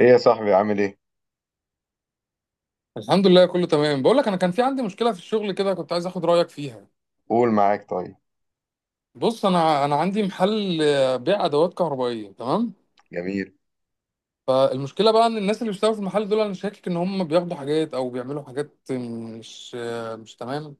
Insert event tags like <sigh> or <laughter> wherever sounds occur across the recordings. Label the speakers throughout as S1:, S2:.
S1: ايه يا صاحبي، عامل ايه؟
S2: الحمد لله، كله تمام. بقول لك، انا كان في عندي مشكله في الشغل كده، كنت عايز اخد رايك فيها.
S1: قول، معاك، طيب.
S2: بص، انا عندي محل، بيع ادوات كهربائيه، تمام.
S1: جميل.
S2: فالمشكله بقى ان الناس اللي بيشتغلوا في المحل دول انا شاكك ان هم بياخدوا حاجات او بيعملوا حاجات مش تمام.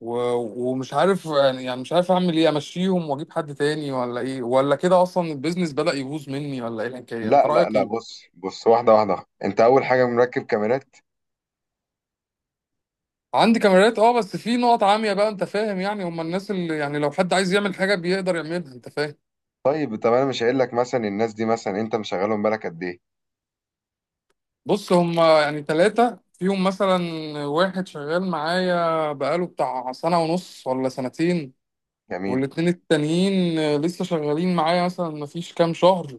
S2: ومش عارف، يعني مش عارف اعمل ايه؟ امشيهم واجيب حد تاني ولا ايه، ولا كده اصلا البيزنس بدأ يبوظ مني، ولا ايه الحكايه؟ انت
S1: لا لا
S2: رايك
S1: لا،
S2: ايه؟
S1: بص بص، واحده واحده. انت اول حاجه مركب كاميرات؟
S2: عندي كاميرات اه، بس في نقط عاميه بقى، انت فاهم. يعني هم الناس اللي، يعني لو حد عايز يعمل حاجه بيقدر يعملها، انت فاهم.
S1: طيب طب انا مش هقول لك مثلا الناس دي، مثلا انت مشغلهم بالك قد ايه؟
S2: بص، هما يعني ثلاثة فيهم مثلا. واحد شغال معايا بقاله بتاع سنة ونص ولا سنتين.
S1: جميل.
S2: والاتنين التانيين لسه شغالين معايا مثلا مفيش كام شهر.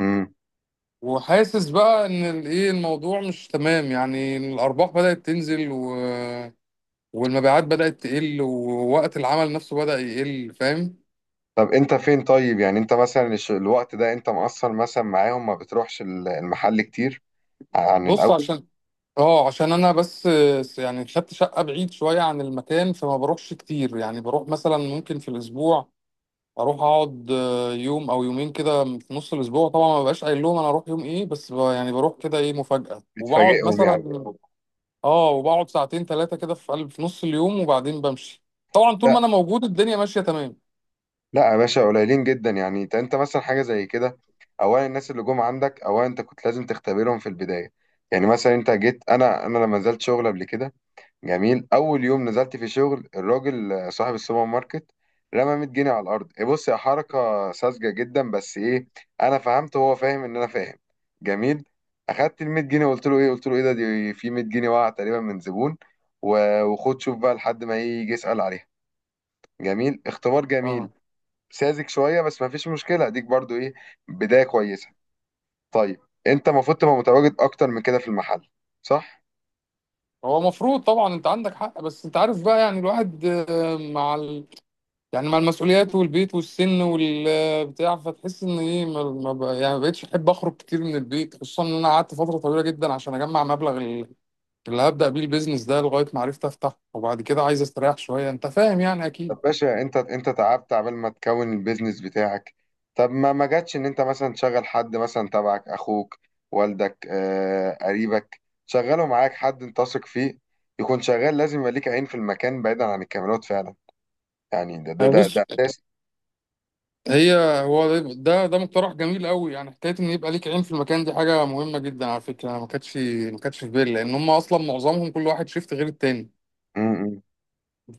S1: امم.
S2: وحاسس بقى ان الايه، الموضوع مش تمام، يعني الارباح بدأت تنزل و... والمبيعات بدأت تقل، ووقت العمل نفسه بدأ يقل، فاهم.
S1: طب انت فين؟ طيب يعني انت مثلا الوقت ده انت مقصر مثلا معاهم، ما بتروحش المحل كتير عن
S2: بص
S1: الاول؟
S2: عشان، اه عشان انا بس، يعني خدت شقه بعيد شويه عن المكان، فما بروحش كتير. يعني بروح مثلا ممكن في الاسبوع، اروح اقعد يوم او يومين كده في نص الاسبوع. طبعا ما ببقاش قايل لهم انا هروح يوم ايه، بس يعني بروح كده ايه مفاجأة وبقعد
S1: بتفاجئهم يعني؟
S2: مثلا، اه وبقعد ساعتين ثلاثة كده في نص اليوم وبعدين بمشي. طبعا طول ما
S1: لا
S2: انا موجود الدنيا ماشية تمام.
S1: لا يا باشا، قليلين جدا يعني. انت مثلا حاجه زي كده. اولا الناس اللي جم عندك، اولا انت كنت لازم تختبرهم في البدايه. يعني مثلا انت جيت، انا لما نزلت شغل قبل كده، جميل، اول يوم نزلت في شغل الراجل، صاحب السوبر ماركت، رمى 100 جنيه على الارض. إيه؟ بص، يا حركه ساذجه جدا، بس ايه، انا فهمت وهو فاهم ان انا فاهم. جميل. اخدت ال 100 جنيه وقلت له ايه قلت له ايه ده، دي في 100 جنيه وقع تقريبا من زبون، وخد شوف بقى لحد ما إيه يجي يسال عليها. جميل، اختبار جميل.
S2: اه،
S1: ساذج شويه بس ما فيش مشكله، ديك برضو ايه، بدايه كويسه. طيب. انت المفروض تبقى متواجد اكتر من كده في المحل، صح؟
S2: هو مفروض طبعا، انت عندك حق، بس انت عارف بقى، يعني الواحد يعني مع المسؤوليات والبيت والسن والبتاع، فتحس ان ايه، ما ما ب... يعني ما بقتش احب اخرج كتير من البيت، خصوصا ان انا قعدت فترة طويلة جدا عشان اجمع مبلغ اللي هبدأ بيه البيزنس ده، لغاية ما عرفت أفتحه، وبعد كده عايز أستريح شوية، أنت فاهم يعني
S1: طب
S2: أكيد.
S1: باشا، انت تعبت عبال ما تكون البيزنس بتاعك. طب ما جاتش ان انت مثلا تشغل حد مثلا تبعك، اخوك، والدك، قريبك، شغله معاك حد انت واثق فيه يكون شغال. لازم يبقى ليك عين في المكان بعيدا عن الكاميرات فعلا، يعني ده ده
S2: يعني
S1: ده
S2: بص،
S1: ده اساس.
S2: هي، هو ده مقترح جميل قوي، يعني حكاية إن يبقى ليك عين في المكان دي حاجة مهمة جدا على فكرة. ما كانتش، ما كانتش في بالي، لأن هم أصلا معظمهم كل واحد شيفت غير التاني.
S1: م.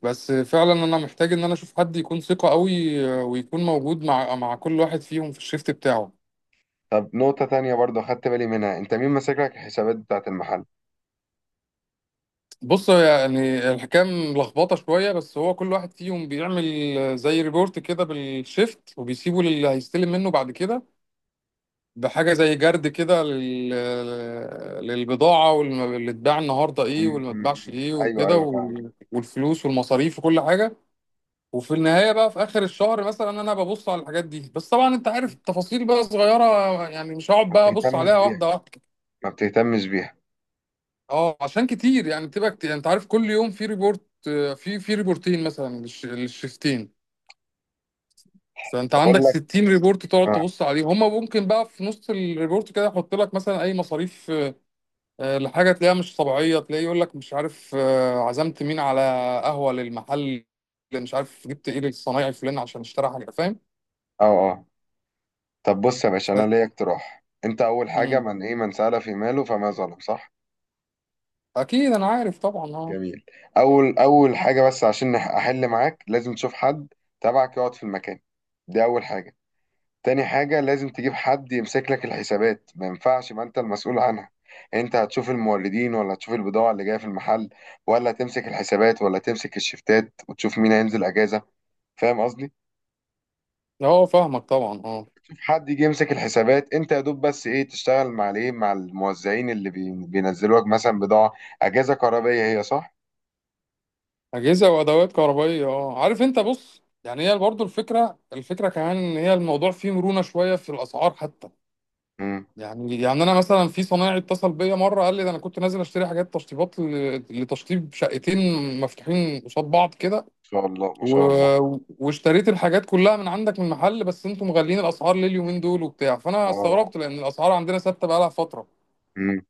S2: بس فعلا أنا محتاج إن أنا أشوف حد يكون ثقة قوي، ويكون موجود مع كل واحد فيهم في الشيفت بتاعه.
S1: طب نقطة تانية برضه خدت بالي منها، انت مين ماسك لك الحسابات بتاعت المحل؟
S2: بص، هو يعني الحكام لخبطه شويه، بس هو كل واحد فيهم بيعمل زي ريبورت كده بالشيفت، وبيسيبه للي هيستلم منه بعد كده، بحاجه زي جرد كده، للبضاعه، واللي اتباع النهارده ايه، واللي ما اتباعش
S1: م.
S2: ايه
S1: ايوه
S2: وكده،
S1: ايوه، فاهمك.
S2: والفلوس والمصاريف وكل حاجه. وفي النهايه بقى في اخر الشهر مثلا انا ببص على الحاجات دي، بس طبعا انت عارف، التفاصيل بقى صغيره، يعني مش هقعد
S1: ما
S2: بقى ابص
S1: بتهتمش
S2: عليها
S1: بيها،
S2: واحده واحده.
S1: ما بتهتمش بيها.
S2: اه عشان كتير، يعني بتبقى كتير، انت عارف كل يوم في ريبورت، في ريبورتين مثلا للشيفتين. فانت
S1: بقول
S2: عندك
S1: لك.
S2: 60 ريبورت تقعد
S1: اه
S2: تبص عليهم، هما ممكن بقى في نص الريبورت كده يحط لك مثلا اي مصاريف، لحاجه تلاقيها مش طبيعيه، تلاقيه يقول لك مش عارف، عزمت مين على قهوه للمحل، مش عارف جبت ايه للصنايعي فلان عشان اشترى حاجه، فاهم.
S1: اه اه. طب بص يا باشا،
S2: ف...
S1: انا ليا اقتراح. انت اول حاجه،
S2: مم.
S1: من ايه، من سأل في ماله فما ظلم، صح؟
S2: اكيد انا عارف طبعا، اه.
S1: جميل. اول حاجه، بس عشان احل معاك، لازم تشوف حد تبعك يقعد في المكان. دي اول حاجه. تاني حاجه، لازم تجيب حد يمسك لك الحسابات، ما ينفعش ما انت المسؤول عنها. انت هتشوف الموردين، ولا هتشوف البضاعه اللي جايه في المحل، ولا تمسك الحسابات، ولا تمسك الشفتات وتشوف مين هينزل اجازه؟ فاهم قصدي؟
S2: اه فاهمك طبعا، اه.
S1: حد يجي يمسك الحسابات، انت يا دوب بس ايه، تشتغل مع الايه، مع الموزعين اللي بينزلوا لك مثلا بضاعه، اجهزه كهربائيه، هي صح؟
S2: اجهزه وادوات كهربائيه، اه. عارف انت، بص، يعني هي برضو الفكره، الفكره كمان ان هي الموضوع فيه مرونه شويه في الاسعار حتى.
S1: امم. ما
S2: يعني، انا مثلا في صنايعي اتصل بيا مره، قال لي ده انا كنت نازل اشتري حاجات تشطيبات لتشطيب شقتين مفتوحين قصاد بعض كده،
S1: شاء الله ما
S2: و...
S1: شاء الله.
S2: واشتريت الحاجات كلها من عندك، من محل، بس انتم مغلين الاسعار ليه اليومين دول وبتاع؟ فانا
S1: اه.
S2: استغربت لان الاسعار عندنا ثابته بقالها فتره.
S1: امم.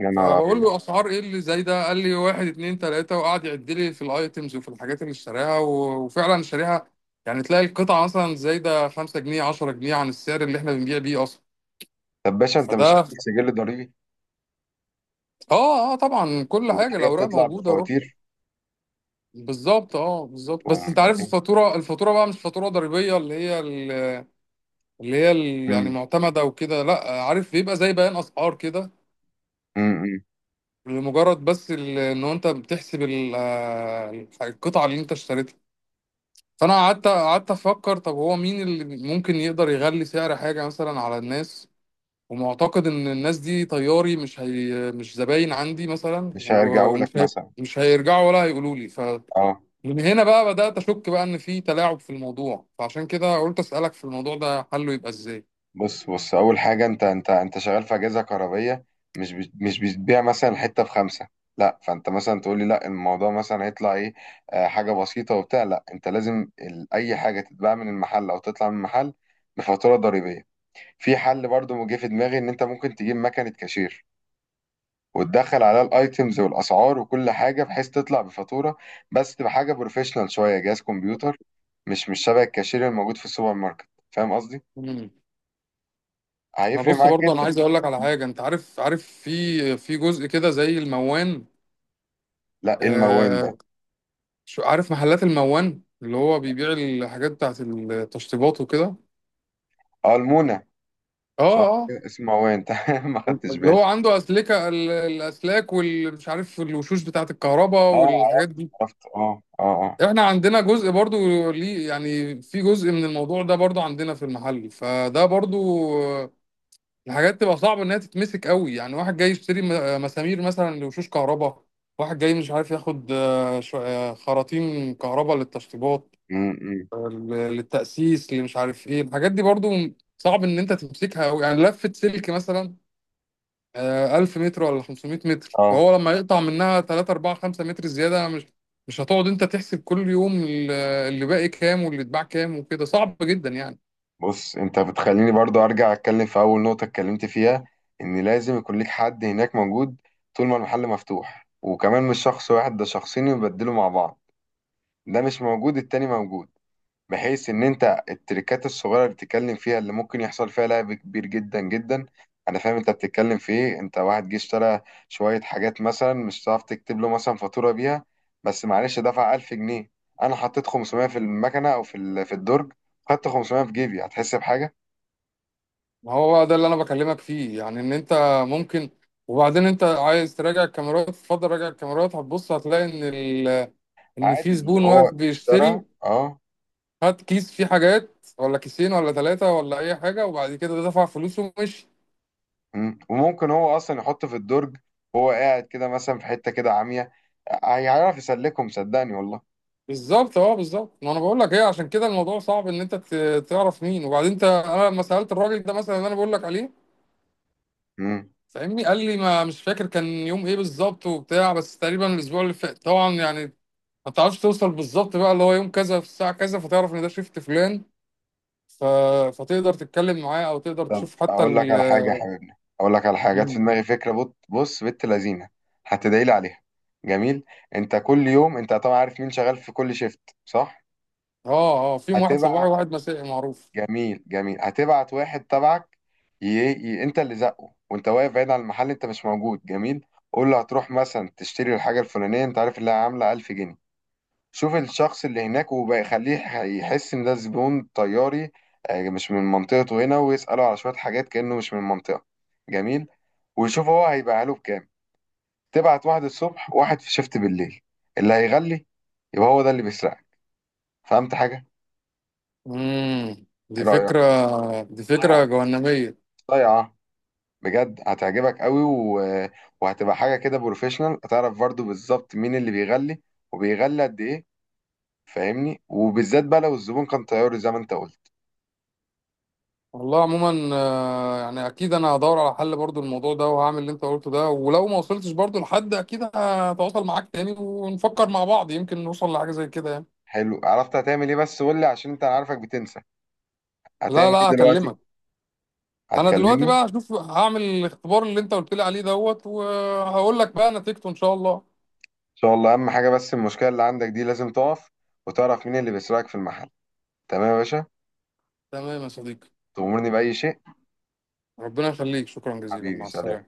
S1: يا نهار
S2: فبقول
S1: ابيض.
S2: له اسعار ايه اللي زي ده؟ قال لي واحد اتنين تلاته، وقعد يعد لي في الايتمز وفي الحاجات اللي اشتراها وفعلا شاريها. يعني تلاقي القطعه مثلا زايده 5 جنيه 10 جنيه عن السعر اللي احنا بنبيع بيه اصلا.
S1: طب باشا انت مش
S2: فده،
S1: عامل سجل ضريبي؟
S2: اه اه طبعا، كل حاجه
S1: والحاجه
S2: الاوراق
S1: بتطلع
S2: موجوده، روح.
S1: بفواتير؟
S2: بالظبط اه، بالظبط. بس انت
S1: تقوم-
S2: عارف الفاتوره، الفاتوره بقى مش فاتوره ضريبيه، اللي هي اللي هي يعني
S1: امم
S2: معتمده وكده، لا. عارف بيبقى زي بيان اسعار كده،
S1: امم امم.
S2: لمجرد بس ان انت بتحسب القطعه اللي انت اشتريتها. فانا قعدت، افكر، طب هو مين اللي ممكن يقدر يغلي سعر حاجه مثلا على الناس؟ ومعتقد ان الناس دي طياري، مش هي، مش زباين عندي مثلا،
S1: مش هيرجعوا لك
S2: ومش هي،
S1: مثلا.
S2: مش هيرجعوا ولا هيقولوا لي. ف
S1: اه.
S2: من هنا بقى بدات اشك بقى ان في تلاعب في الموضوع، فعشان كده قلت اسالك في الموضوع ده، حله يبقى ازاي.
S1: بص بص، اول حاجه، انت شغال في اجهزه كهربائيه، مش بتبيع مثلا حته بخمسه. لا، فانت مثلا تقول لي لا، الموضوع مثلا هيطلع ايه، حاجه بسيطه وبتاع. لا، انت لازم اي حاجه تتباع من المحل او تطلع من المحل بفاتوره ضريبيه. في حل برضو جه في دماغي، ان انت ممكن تجيب مكنه كاشير وتدخل عليها الايتمز والاسعار وكل حاجه، بحيث تطلع بفاتوره، بس تبقى حاجه بروفيشنال شويه، جهاز كمبيوتر. مش شبه الكاشير الموجود في السوبر ماركت. فاهم قصدي؟
S2: مم. ما
S1: هيفرق
S2: بص
S1: معاك
S2: برضه، انا
S1: جدا.
S2: عايز اقول لك على حاجه. انت عارف، في جزء كده زي الموان.
S1: لا، ايه الموان ده؟
S2: آه عارف محلات الموان اللي هو بيبيع الحاجات بتاعت التشطيبات وكده.
S1: اه، المونة.
S2: اه.
S1: صح
S2: اه.
S1: كده، اسمه موان <laughs> تمام، ما خدتش
S2: اللي هو
S1: بالي.
S2: عنده الاسلاك والمش عارف الوشوش بتاعه الكهرباء
S1: اه
S2: والحاجات
S1: عرفت.
S2: دي.
S1: عرفت، اه اه اه.
S2: احنا عندنا جزء برضو ليه، يعني في جزء من الموضوع ده برضو عندنا في المحل، فده برضو، آه، الحاجات تبقى صعبه انها تتمسك قوي، يعني واحد جاي يشتري مسامير مثلا لوشوش كهرباء، واحد جاي مش عارف ياخد خراطيم كهرباء للتشطيبات،
S1: امم.
S2: آه، للتأسيس، اللي مش عارف ايه الحاجات دي. برضو صعب ان انت تمسكها قوي، يعني لفة سلك مثلا 1000 متر ولا 500 متر،
S1: اه.
S2: فهو لما يقطع منها 3 4 5 متر زيادة، مش هتقعد انت تحسب كل يوم اللي باقي كام واللي اتباع كام وكده، صعب جدا يعني.
S1: بص، انت بتخليني برضو ارجع اتكلم في اول نقطة اتكلمت فيها، ان لازم يكون ليك حد هناك موجود طول ما المحل مفتوح، وكمان مش شخص واحد، ده شخصين يبدلوا مع بعض، ده مش موجود التاني موجود، بحيث ان انت التريكات الصغيره اللي بتتكلم فيها اللي ممكن يحصل فيها لعب كبير جدا جدا. انا فاهم انت بتتكلم في ايه. انت واحد جه اشترى شويه حاجات مثلا، مش هتعرف تكتب له مثلا فاتوره بيها، بس معلش دفع 1000 جنيه. انا حطيت 500 في المكنه او في في الدرج، خدت 500 في جيبي، هتحس بحاجه؟
S2: ما هو بقى ده اللي انا بكلمك فيه، يعني ان انت ممكن. وبعدين انت عايز تراجع الكاميرات، تفضل راجع الكاميرات، هتبص هتلاقي ان
S1: عادي،
S2: في
S1: اللي
S2: زبون
S1: هو
S2: واقف
S1: اشترى.
S2: بيشتري،
S1: اه.
S2: هات كيس فيه حاجات ولا كيسين ولا ثلاثة ولا اي حاجة، وبعد كده دفع فلوسه ومشي.
S1: مم. وممكن هو اصلا يحط في الدرج، وهو قاعد كده مثلا في حته كده عاميه، هيعرف يسلكهم، صدقني والله.
S2: بالظبط اه، بالظبط. ما انا بقول لك ايه، عشان كده الموضوع صعب ان انت تعرف مين. وبعدين انا لما سالت الراجل ده مثلا اللي انا بقول لك عليه،
S1: مم.
S2: فاهمني، قال لي ما مش فاكر كان يوم ايه بالظبط وبتاع، بس تقريبا الاسبوع اللي فات طبعا. يعني ما تعرفش توصل بالظبط بقى اللي هو يوم كذا في الساعه كذا، فتعرف ان ده شيفت فلان. ف... فتقدر تتكلم معاه، او تقدر
S1: طب
S2: تشوف حتى
S1: اقول لك
S2: ال،
S1: على حاجه يا حبيبنا، اقول لك على حاجه جت في
S2: ال-
S1: دماغي، فكره، بص، بنت لذينه، هتدعي لي عليها. جميل. انت كل يوم انت طبعا عارف مين شغال في كل شيفت، صح؟
S2: اه اه، فيهم واحد صباحي
S1: هتبعت.
S2: وواحد مسائي معروف.
S1: جميل جميل. هتبعت واحد تبعك، انت اللي زقه، وانت واقف بعيد عن المحل، انت مش موجود. جميل. قول له هتروح مثلا تشتري الحاجه الفلانيه، انت عارف اللي هي عامله 1000 جنيه. شوف الشخص اللي هناك وبيخليه يحس ان ده زبون طياري، مش من منطقته هنا، ويسأله على شوية حاجات كأنه مش من المنطقة. جميل. ويشوف هو هيبيعها له بكام. تبعت واحد الصبح، واحد في شيفت بالليل، اللي هيغلي يبقى هو ده اللي بيسرقك. فهمت حاجة؟
S2: دي
S1: ايه رأيك؟
S2: فكره، دي فكره
S1: صيعة
S2: جهنميه.
S1: صيعة. بجد هتعجبك قوي وهتبقى حاجة كده بروفيشنال. هتعرف برضه بالظبط مين اللي بيغلي، وبيغلي قد ايه. فاهمني؟ وبالذات بقى لو الزبون كان طياري زي ما انت قلت.
S2: والله عموما يعني اكيد انا هدور على حل برضو الموضوع ده، وهعمل اللي انت قلته ده، ولو ما وصلتش برضو لحد اكيد هتواصل معاك تاني، ونفكر مع بعض، يمكن نوصل لحاجة زي كده يعني.
S1: حلو، عرفت هتعمل ايه، بس قول لي عشان انت أنا عارفك بتنسى،
S2: لا
S1: هتعمل ايه
S2: لا،
S1: دلوقتي؟
S2: هكلمك. انا دلوقتي
S1: هتكلمني ان
S2: بقى هشوف هعمل الاختبار اللي انت قلت لي عليه دوت، وهقول لك بقى نتيجته ان شاء الله.
S1: شاء الله. اهم حاجه بس المشكله اللي عندك دي لازم تقف، وتعرف مين اللي بيسرقك في المحل. تمام يا باشا.
S2: تمام يا صديقي.
S1: تأمرني بأي شيء.
S2: ربنا يخليك، شكرا جزيلا،
S1: حبيبي
S2: مع
S1: سلام.
S2: السلامة.